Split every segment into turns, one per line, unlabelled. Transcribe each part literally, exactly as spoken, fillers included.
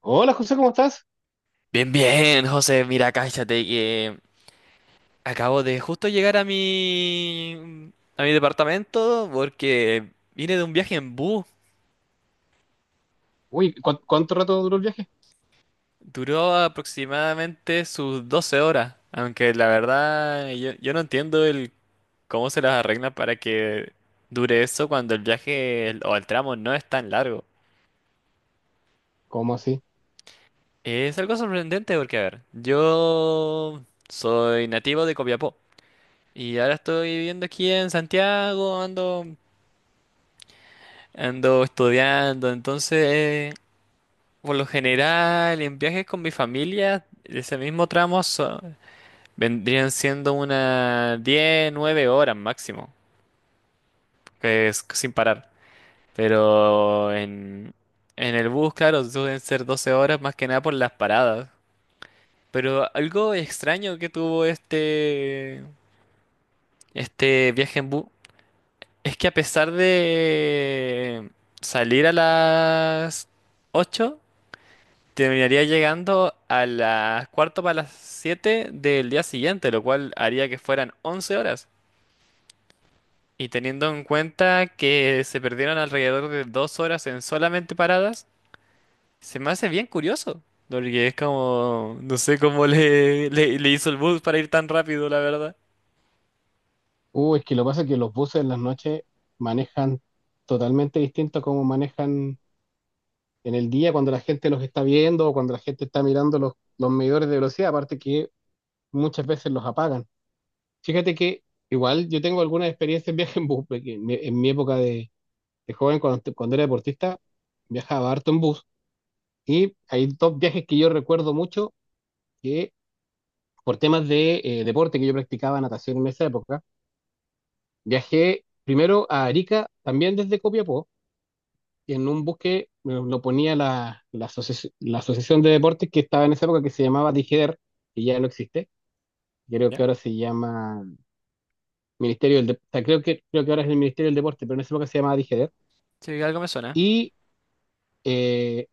Hola José, ¿cómo estás?
Bien, bien, José, mira, cállate que acabo de justo llegar a mi a mi departamento porque vine de un viaje en bus.
Uy, ¿cuán- ¿cuánto rato duró el viaje?
Duró aproximadamente sus doce horas, aunque la verdad yo, yo no entiendo el cómo se las arreglan para que dure eso cuando el viaje el- o el tramo no es tan largo.
¿Cómo así?
Es algo sorprendente porque, a ver, yo soy nativo de Copiapó y ahora estoy viviendo aquí en Santiago, ando Ando estudiando. Entonces, eh, por lo general, en viajes con mi familia, ese mismo tramo so- vendrían siendo unas diez nueve horas máximo, que es sin parar. Pero en, en el bus, claro, suelen ser doce horas más que nada por las paradas. Pero algo extraño que tuvo este, este viaje en bus es que, a pesar de salir a las ocho, terminaría llegando a las cuarto para las siete del día siguiente, lo cual haría que fueran once horas. Y teniendo en cuenta que se perdieron alrededor de dos horas en solamente paradas, se me hace bien curioso. Porque es como, no sé cómo le, le, le hizo el bus para ir tan rápido, la verdad.
Uy, es que lo que pasa es que los buses en las noches manejan totalmente distinto a cómo manejan en el día cuando la gente los está viendo o cuando la gente está mirando los, los medidores de velocidad, aparte que muchas veces los apagan. Fíjate que igual yo tengo algunas experiencias en viaje en bus, porque en mi, en mi época de, de joven, cuando, cuando era deportista, viajaba harto en bus y hay dos viajes que yo recuerdo mucho que por temas de eh, deporte, que yo practicaba natación en esa época. Viajé primero a Arica, también desde Copiapó, y en un buque me lo ponía la, la, asoci- la asociación de deportes que estaba en esa época, que se llamaba DIGEDER, que ya no existe. Creo que
¿Ya?
ahora se llama Ministerio del Dep- o sea, creo que, creo que ahora es el Ministerio del Deporte, pero en esa época se llamaba DIGEDER.
Sí, algo me suena.
Y eh,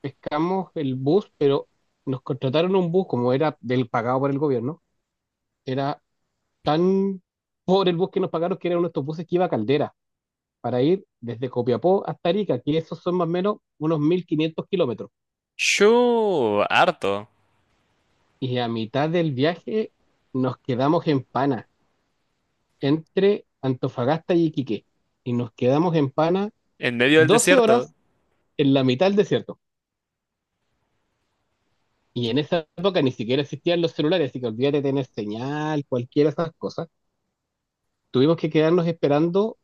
pescamos el bus, pero nos contrataron un bus, como era del pagado por el gobierno, era tan pobre el bus que nos pagaron, que era uno de estos buses que iba a Caldera, para ir desde Copiapó hasta Arica, que esos son más o menos unos mil quinientos kilómetros.
Yo, harto.
Y a mitad del viaje nos quedamos en Pana, entre Antofagasta y Iquique. Y nos quedamos en Pana
En medio del
doce
desierto.
horas en la mitad del desierto. Y en esa época ni siquiera existían los celulares, así que olvídate de tener señal, cualquiera de esas cosas. Tuvimos que quedarnos esperando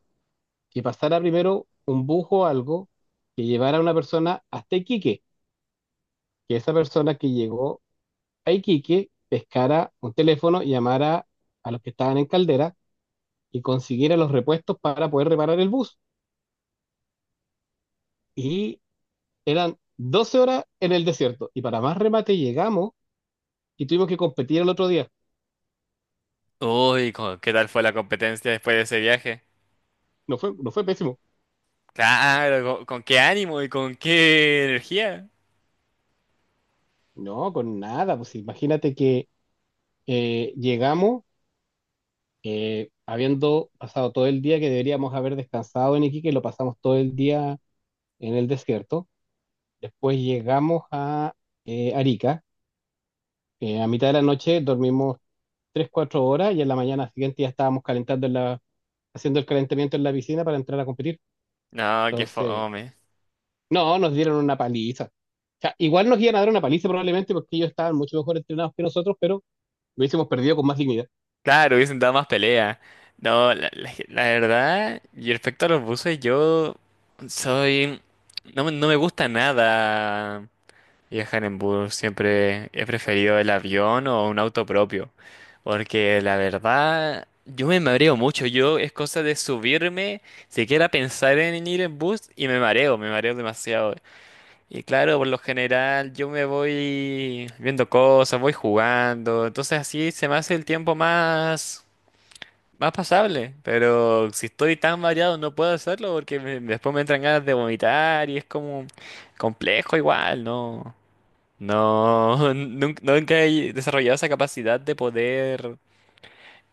que pasara primero un bus o algo que llevara a una persona hasta Iquique, que esa persona que llegó a Iquique pescara un teléfono y llamara a los que estaban en Caldera y consiguiera los repuestos para poder reparar el bus. Y eran doce horas en el desierto. Y para más remate llegamos y tuvimos que competir el otro día.
Uy, co- ¿qué tal fue la competencia después de ese viaje?
No fue, no fue pésimo.
Claro, ¿con con qué ánimo y con qué energía?
No, con nada. Pues imagínate que eh, llegamos, eh, habiendo pasado todo el día que deberíamos haber descansado en Iquique, lo pasamos todo el día en el desierto. Después llegamos a eh, Arica. Eh, a mitad de la noche dormimos tres cuatro horas y en la mañana siguiente ya estábamos calentando en la, haciendo el calentamiento en la piscina para entrar a competir.
No, qué
Entonces,
fome.
no, nos dieron una paliza. O sea, igual nos iban a dar una paliza probablemente porque ellos estaban mucho mejor entrenados que nosotros, pero lo hubiésemos perdido con más dignidad.
Claro, hubiesen dado más pelea. No, la, la- la verdad. Y respecto a los buses, yo soy... No, me- no me gusta nada viajar en bus. Siempre he preferido el avión o un auto propio. Porque la verdad, yo me mareo mucho. Yo es cosa de subirme, siquiera pensar en ir en bus y me mareo, me mareo demasiado. Y claro, por lo general yo me voy viendo cosas, voy jugando, entonces así se me hace el tiempo más, más pasable. Pero si estoy tan variado no puedo hacerlo porque me- después me entran ganas de vomitar y es como complejo igual, ¿no? No, nunca, nunca he desarrollado esa capacidad de poder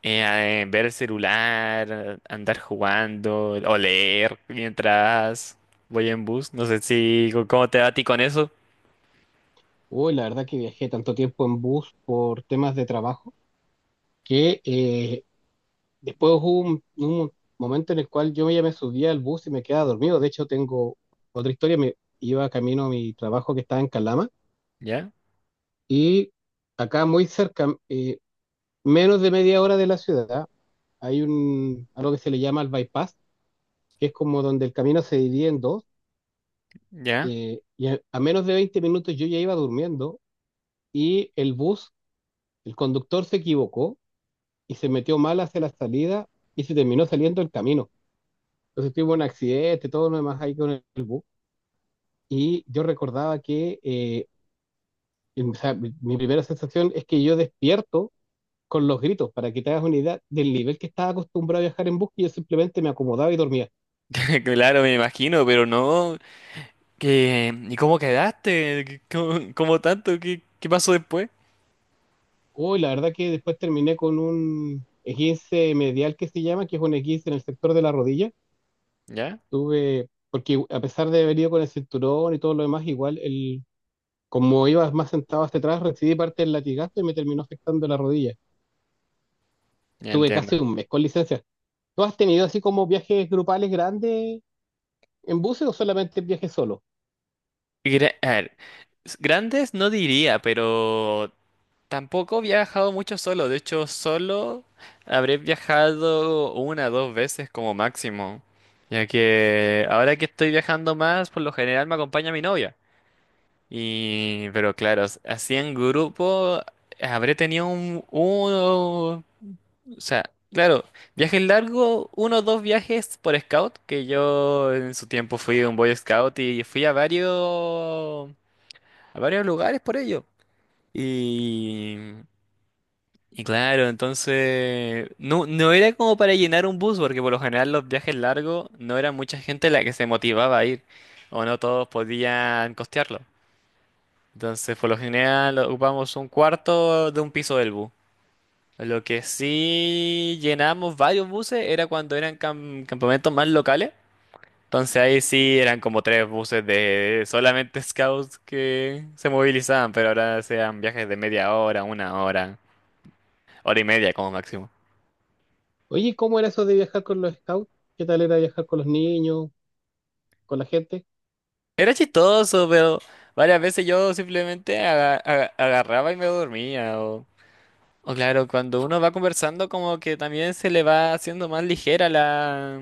eh, eh, ver el celular, andar jugando o leer mientras voy en bus. No sé si cómo te va a ti con eso.
Uy, la verdad que viajé tanto tiempo en bus por temas de trabajo que eh, después hubo un, un momento en el cual yo ya me subía al bus y me quedaba dormido. De hecho, tengo otra historia. Me iba camino a mi trabajo, que estaba en Calama,
¿Ya?
y acá muy cerca, eh, menos de media hora de la ciudad, hay un, algo que se le llama el bypass, que es como donde el camino se divide en dos.
Ya,
Eh, y a, a menos de veinte minutos yo ya iba durmiendo y el bus, el conductor se equivocó y se metió mal hacia la salida y se terminó saliendo el camino. Entonces tuvo un accidente, todo lo demás ahí con el bus. Y yo recordaba que, eh, o sea, mi, mi primera sensación es que yo despierto con los gritos, para que te hagas una idea del nivel que estaba acostumbrado a viajar en bus, y yo simplemente me acomodaba y dormía.
claro, me imagino. Pero no, que, ¿y cómo quedaste? ¿Qué- cómo, cómo tanto? ¿Qué, qué pasó después?
Uy, la verdad que después terminé con un esguince medial que se llama, que es un esguince en el sector de la rodilla.
Ya,
Tuve, porque a pesar de haber ido con el cinturón y todo lo demás, igual el, como iba más sentado hacia atrás, recibí parte del latigazo y me terminó afectando la rodilla.
ya
Tuve casi
entiendo.
un mes con licencia. ¿Tú has tenido así como viajes grupales grandes en buses o solamente viajes solo?
Gra- a ver, s- grandes no diría, pero tampoco he viajado mucho solo. De hecho, solo habré viajado una dos veces como máximo. Ya que ahora que estoy viajando más, por lo general me acompaña mi novia. Y, pero claro, así en grupo habré tenido un, uno, o sea, claro, viajes largos, uno o dos viajes por scout, que yo en su tiempo fui un boy scout y fui a varios, a varios lugares por ello. Y, y claro. Entonces, no, no era como para llenar un bus, porque por lo general los viajes largos no era mucha gente la que se motivaba a ir, o no todos podían costearlo. Entonces, por lo general, ocupamos un cuarto de un piso del bus. Lo que sí llenamos varios buses era cuando eran cam- campamentos más locales. Entonces ahí sí eran como tres buses de solamente scouts que se movilizaban, pero ahora sean viajes de media hora, una hora, hora y media como máximo.
Oye, ¿cómo era eso de viajar con los scouts? ¿Qué tal era viajar con los niños, con la gente?
Era chistoso, pero varias veces yo simplemente aga- aga- agarraba y me dormía. O, o claro, cuando uno va conversando como que también se le va haciendo más ligera la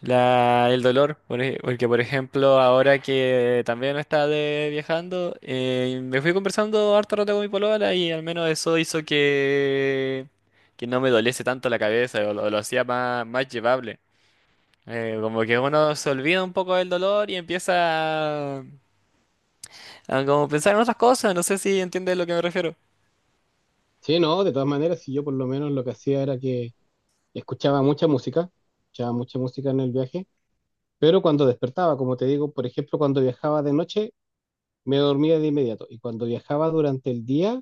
La, el dolor. Por ej- porque por ejemplo, ahora que también está de viajando, eh, me fui conversando harto rato con mi polola y al menos eso hizo que, que no me doliese tanto la cabeza, o lo, lo hacía más, más llevable. Eh, como que uno se olvida un poco del dolor y empieza a, a como pensar en otras cosas, no sé si entiendes a lo que me refiero.
Sí, no, de todas maneras, si yo por lo menos lo que hacía era que y escuchaba mucha música, escuchaba mucha música en el viaje, pero cuando despertaba, como te digo, por ejemplo, cuando viajaba de noche, me dormía de inmediato, y cuando viajaba durante el día,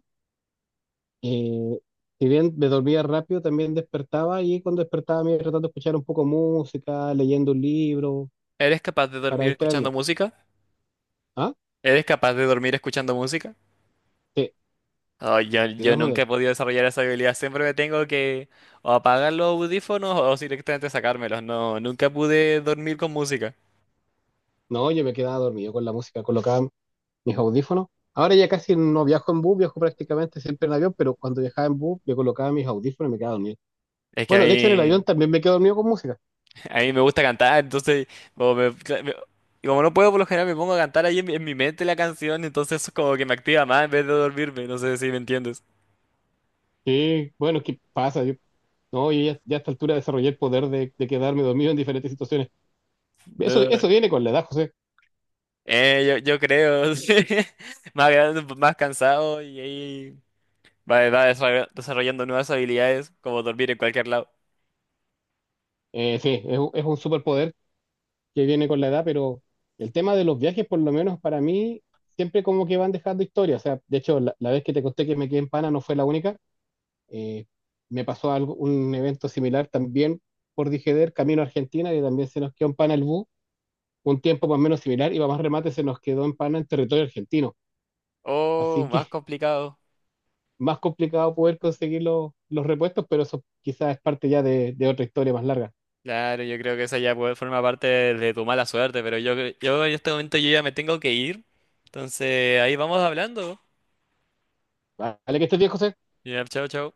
eh, si bien me dormía rápido, también despertaba, y cuando despertaba me iba tratando de escuchar un poco música, leyendo un libro,
¿Eres capaz de
para
dormir escuchando
distraerme.
música?
Ah,
¿Eres capaz de dormir escuchando música?
sí,
Ay, yo,
de
yo
todas
nunca he
maneras.
podido desarrollar esa habilidad. Siempre me tengo que o apagar los audífonos o directamente sacármelos. No, nunca pude dormir con música.
No, yo me quedaba dormido con la música, colocaba mis audífonos. Ahora ya casi no viajo en bus, viajo prácticamente siempre en avión, pero cuando viajaba en bus, me colocaba mis audífonos y me quedaba dormido.
Es que a
Bueno, de hecho en el avión
mí,
también me quedo dormido con música.
a mí me gusta cantar. Entonces como, me- cla- me- y como no puedo, por lo general me pongo a cantar ahí en mi, en mi mente la canción, entonces eso como que me activa más en vez de dormirme. No sé si me entiendes.
Sí, bueno, ¿qué pasa? Yo, no, yo ya, ya a esta altura desarrollé el poder de, de quedarme dormido en diferentes situaciones. Eso,
No,
eso viene con la edad, José.
eh, yo, yo creo, sí. Más grande, más cansado y ahí va, va desarroll- desarrollando nuevas habilidades como dormir en cualquier lado.
Eh, sí, es, un- es un superpoder que viene con la edad, pero el tema de los viajes, por lo menos para mí, siempre como que van dejando historia. O sea, de hecho, la, la vez que te conté que me quedé en Pana no fue la única. Eh, me pasó algo, un evento similar también por Dijeder, camino a Argentina, y también se nos quedó en Pana el bus. Un tiempo más o menos similar, y para más remate se nos quedó en Pana en territorio argentino.
Oh,
Así que
más complicado.
más complicado poder conseguir los, los repuestos, pero eso quizás es parte ya de, de otra historia más larga.
Claro, yo creo que esa ya puede, forma parte de tu mala suerte. Pero yo, yo en este momento yo ya me tengo que ir. Entonces, ahí vamos hablando.
Vale, que estés bien, José.
Ya, chao, chao.